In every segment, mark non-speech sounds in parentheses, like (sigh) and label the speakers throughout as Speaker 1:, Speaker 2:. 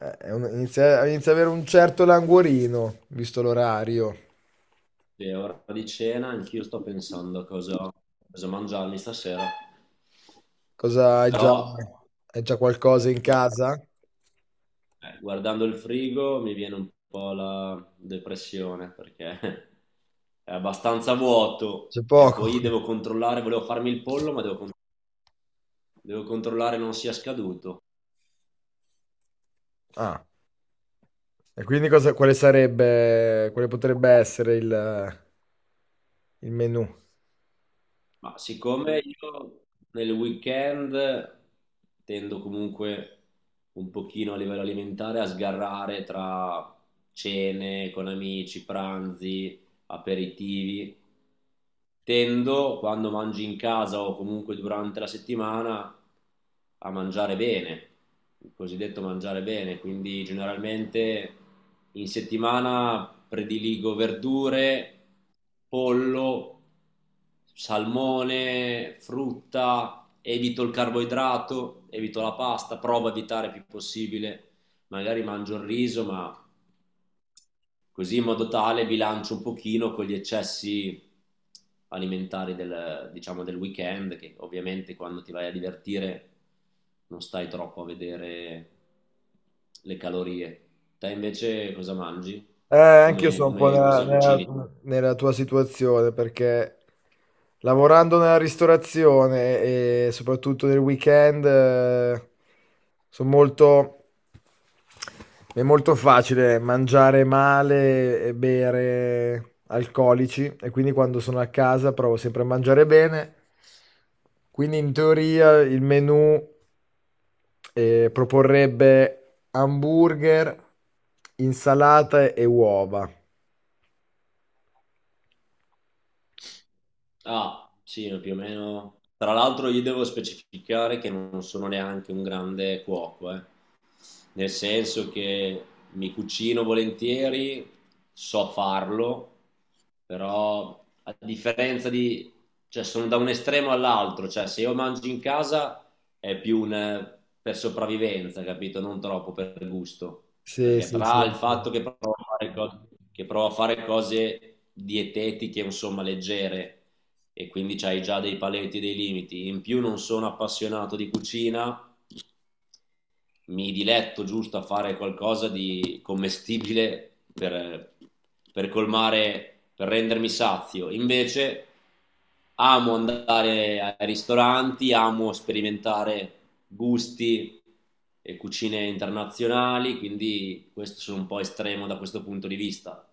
Speaker 1: Inizia ad avere un certo languorino, visto l'orario.
Speaker 2: Sì, è ora di cena, anch'io sto pensando a cosa, cosa mangiarmi stasera,
Speaker 1: Cosa
Speaker 2: però
Speaker 1: hai già qualcosa in
Speaker 2: guard-
Speaker 1: casa?
Speaker 2: guardando il frigo mi viene un po' la depressione perché (laughs) è abbastanza vuoto.
Speaker 1: C'è
Speaker 2: E
Speaker 1: poco.
Speaker 2: poi devo controllare, volevo farmi il pollo, ma devo controllare non sia scaduto.
Speaker 1: Ah, e quindi cosa, quale sarebbe, quale potrebbe essere il menù?
Speaker 2: Ma siccome io nel weekend tendo comunque un pochino a livello alimentare a sgarrare tra cene con amici, pranzi, aperitivi. Tendo, quando mangi in casa o comunque durante la settimana, a mangiare bene, il cosiddetto mangiare bene, quindi generalmente in settimana prediligo verdure, pollo, salmone, frutta, evito il carboidrato, evito la pasta, provo a evitare il più possibile, magari mangio il riso, ma così in modo tale bilancio un pochino con gli eccessi alimentari del, diciamo, del weekend, che ovviamente quando ti vai a divertire non stai troppo a vedere le calorie. Te invece cosa mangi?
Speaker 1: Anche io
Speaker 2: Come,
Speaker 1: sono un po'
Speaker 2: come cosa cucini?
Speaker 1: nella tua situazione perché lavorando nella ristorazione e soprattutto nel weekend, sono molto è molto facile mangiare male e bere alcolici e quindi quando sono a casa provo sempre a mangiare bene. Quindi in teoria il menù proporrebbe hamburger, insalata e uova.
Speaker 2: Ah, sì, più o meno. Tra l'altro io devo specificare che non sono neanche un grande cuoco, eh, nel senso che mi cucino volentieri, so farlo, però a differenza di, cioè sono da un estremo all'altro. Cioè se io mangio in casa è più un, per sopravvivenza, capito? Non troppo per gusto,
Speaker 1: Sì,
Speaker 2: perché
Speaker 1: sì, sì.
Speaker 2: tra il fatto che provo a fare, co- che provo a fare cose dietetiche, insomma, leggere, e quindi hai già dei paletti e dei limiti, in più non sono appassionato di cucina, mi diletto giusto a fare qualcosa di commestibile per colmare, per rendermi sazio. Invece amo andare ai ristoranti, amo sperimentare gusti e cucine internazionali, quindi questo sono un po' estremo da questo punto di vista.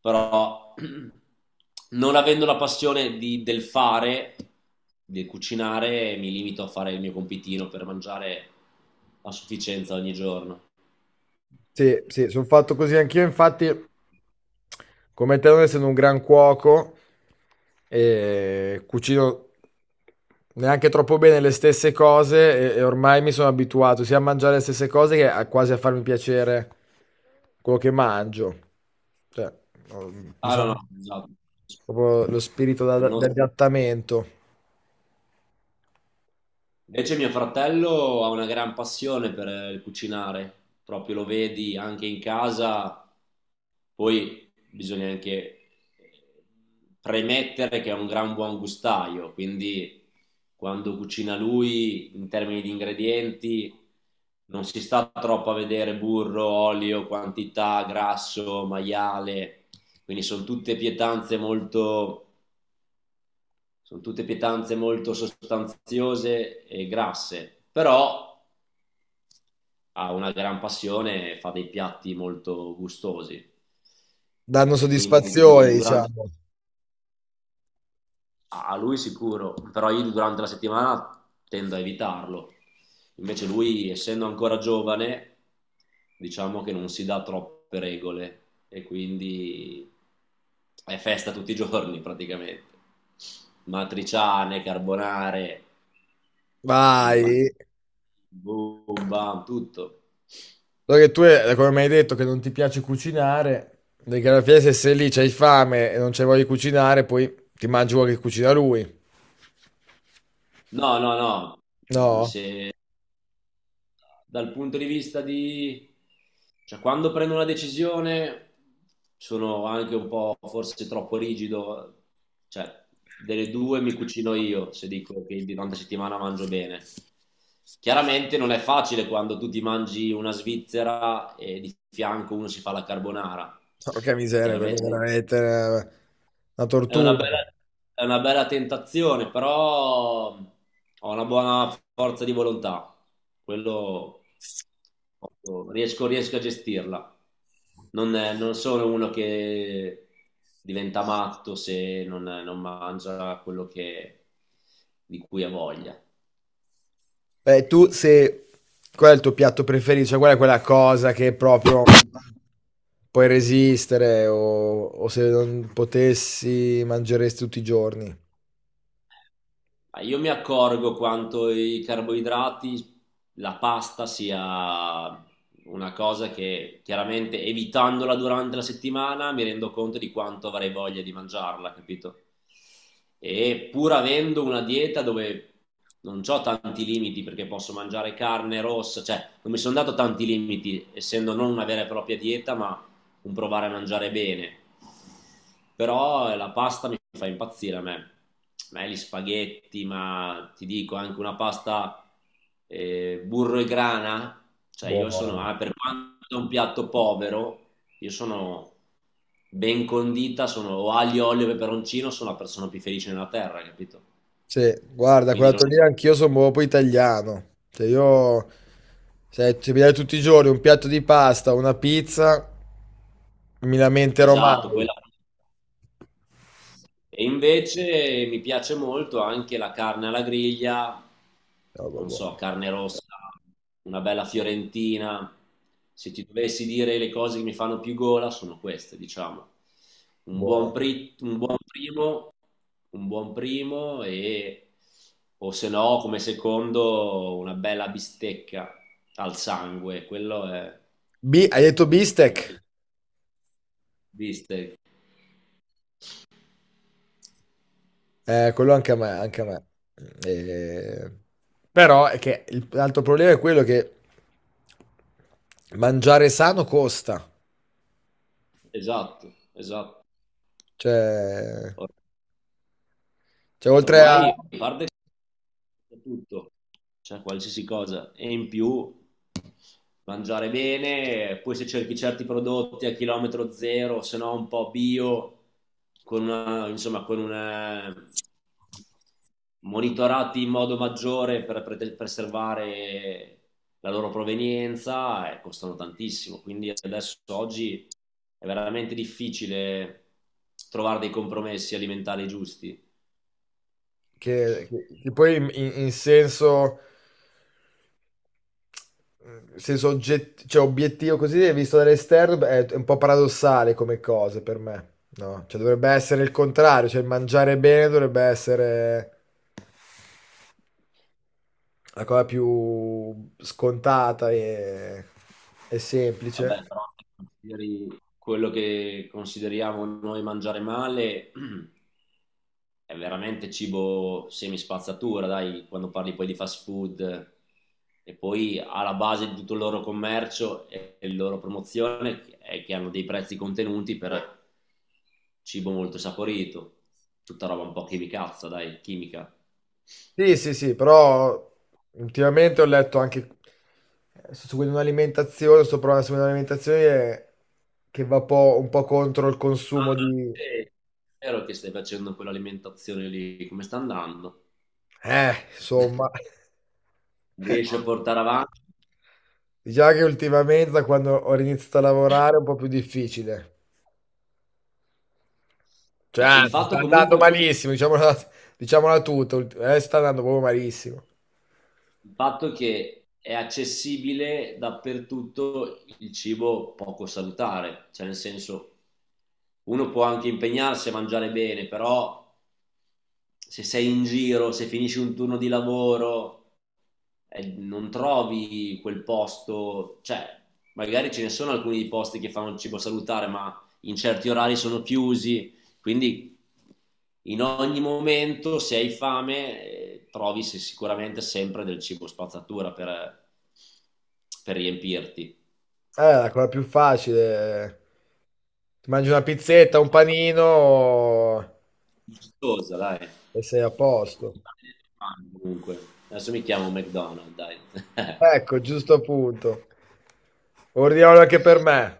Speaker 2: Però (clears throat) non avendo la passione del fare, del cucinare, mi limito a fare il mio compitino per mangiare a sufficienza ogni giorno.
Speaker 1: Sì, sì, sono fatto così anch'io, infatti, come te, non essendo un gran cuoco, cucino neanche troppo bene le stesse cose e ormai mi sono abituato sia a mangiare le stesse cose che a, quasi a farmi piacere quello che mangio. Cioè, ho- mi
Speaker 2: Ah no,
Speaker 1: sono
Speaker 2: no, esatto.
Speaker 1: proprio lo spirito
Speaker 2: No,
Speaker 1: di adattamento,
Speaker 2: invece mio fratello ha una gran passione per il cucinare, proprio lo vedi anche in casa. Poi bisogna anche premettere che è un gran buon gustaio, quindi quando cucina lui in termini di ingredienti non si sta troppo a vedere burro, olio, quantità, grasso, maiale, quindi sono tutte pietanze molto sostanziose e grasse, però ha una gran passione e fa dei piatti molto gustosi.
Speaker 1: danno
Speaker 2: E quindi
Speaker 1: soddisfazione,
Speaker 2: durante,
Speaker 1: diciamo.
Speaker 2: a lui sicuro, però io durante la settimana tendo a evitarlo. Invece lui, essendo ancora giovane, diciamo che non si dà troppe regole e quindi è festa tutti i giorni praticamente. Matriciane, carbonare,
Speaker 1: Vai.
Speaker 2: impa- boom, bam, tutto.
Speaker 1: Allora che tu, come mi hai detto, che non ti piace cucinare, perché alla fine se sei lì, c'hai fame e non c'hai voglia di cucinare, poi ti mangi quello che cucina lui.
Speaker 2: No, no, no. Mm,
Speaker 1: No?
Speaker 2: se dal punto di vista di... Cioè, quando prendo una decisione sono anche un po' forse troppo rigido. Cioè, delle due mi cucino io se dico che durante la settimana mangio bene. Chiaramente non è facile quando tu ti mangi una svizzera e di fianco uno si fa la carbonara.
Speaker 1: Porca miseria, quello è
Speaker 2: Chiaramente
Speaker 1: veramente una
Speaker 2: è una
Speaker 1: tortura.
Speaker 2: bella, è una bella tentazione, però ho una buona forza di volontà. Quello riesco, riesco a gestirla. Non sono uno che diventa matto se non mangia quello di cui ha voglia.
Speaker 1: Beh, tu se... Qual è il tuo piatto preferito? Cioè, qual è quella cosa che proprio puoi resistere o se non potessi mangeresti tutti i giorni?
Speaker 2: Ma io mi accorgo quanto i carboidrati, la pasta sia una cosa che chiaramente evitandola durante la settimana mi rendo conto di quanto avrei voglia di mangiarla, capito? E pur avendo una dieta dove non ho tanti limiti perché posso mangiare carne rossa, cioè non mi sono dato tanti limiti essendo non una vera e propria dieta, ma un provare a mangiare bene. Però la pasta mi fa impazzire a me. A me gli spaghetti, ma ti dico anche una pasta burro e grana, cioè io sono,
Speaker 1: Buono.
Speaker 2: ah, per quanto è un piatto povero, io sono ben condita, sono o aglio, olio e peperoncino, sono la persona più felice nella terra, capito?
Speaker 1: Sì, guarda,
Speaker 2: Quindi
Speaker 1: quella
Speaker 2: non
Speaker 1: tornina anch'io sono proprio italiano. Cioè io, se, se mi dai tutti i giorni un piatto di pasta, una pizza, mi
Speaker 2: è
Speaker 1: lamenterò
Speaker 2: esatto,
Speaker 1: mai.
Speaker 2: quella. E invece mi piace molto anche la carne alla griglia,
Speaker 1: No,
Speaker 2: non so,
Speaker 1: buono,
Speaker 2: carne rossa, una bella fiorentina. Se ti dovessi dire le cose che mi fanno più gola sono queste, diciamo. Un buon,
Speaker 1: buono.
Speaker 2: pri- un buon primo, un buon primo e o se no come secondo una bella bistecca al sangue, quello è
Speaker 1: Hai detto bistec?
Speaker 2: mi piace. Bistecca.
Speaker 1: Quello anche a me, anche a me. Eh, però è che l'altro problema è quello che mangiare sano costa.
Speaker 2: Esatto, esatto.
Speaker 1: Cioè,
Speaker 2: Or-
Speaker 1: cioè oltre a...
Speaker 2: ormai parlo tutto, cioè qualsiasi cosa. E in più mangiare bene, poi se cerchi certi prodotti a chilometro zero, se no un po' bio, con una, insomma, con una monitorati in modo maggiore per preservare la loro provenienza e costano tantissimo. Quindi adesso oggi è veramente difficile trovare dei compromessi alimentari giusti.
Speaker 1: Che poi in senso... Nel senso cioè, obiettivo, così, visto dall'esterno, beh, è un po' paradossale come cosa per me, no? Cioè dovrebbe essere il contrario, cioè il mangiare bene dovrebbe essere la cosa più scontata e
Speaker 2: Vabbè,
Speaker 1: semplice.
Speaker 2: però se consideri quello che consideriamo noi mangiare male (clears throat) è veramente cibo semispazzatura, dai, quando parli poi di fast food, e poi alla base di tutto il loro commercio e la loro promozione è che hanno dei prezzi contenuti per cibo molto saporito, tutta roba un po' chimicazza, dai, chimica.
Speaker 1: Sì, sì, sì, però ultimamente ho letto anche, sto seguendo un'alimentazione, sto provando a seguire un'alimentazione che un po' contro il consumo
Speaker 2: Ah,
Speaker 1: di...
Speaker 2: sì, è vero che stai facendo quell'alimentazione lì, come sta andando?
Speaker 1: Insomma,
Speaker 2: Riesci a portare avanti?
Speaker 1: diciamo che ultimamente da quando ho iniziato a lavorare è un po' più difficile.
Speaker 2: Beh, il
Speaker 1: Cioè, sta
Speaker 2: fatto
Speaker 1: andando malissimo, diciamola, diciamola tutta, sta andando proprio malissimo.
Speaker 2: il fatto che è accessibile dappertutto il cibo poco salutare, cioè nel senso uno può anche impegnarsi a mangiare bene, però se sei in giro, se finisci un turno di lavoro, non trovi quel posto, cioè magari ce ne sono alcuni di posti che fanno cibo salutare, ma in certi orari sono chiusi, quindi in ogni momento se hai fame trovi sicuramente sempre del cibo spazzatura per riempirti.
Speaker 1: La cosa più facile, ti mangi una pizzetta, un panino
Speaker 2: Gustosa, dai.
Speaker 1: e sei a posto.
Speaker 2: Comunque, adesso mi chiamo McDonald's, dai. (laughs)
Speaker 1: Ecco, giusto appunto. Ordiniamolo anche per me.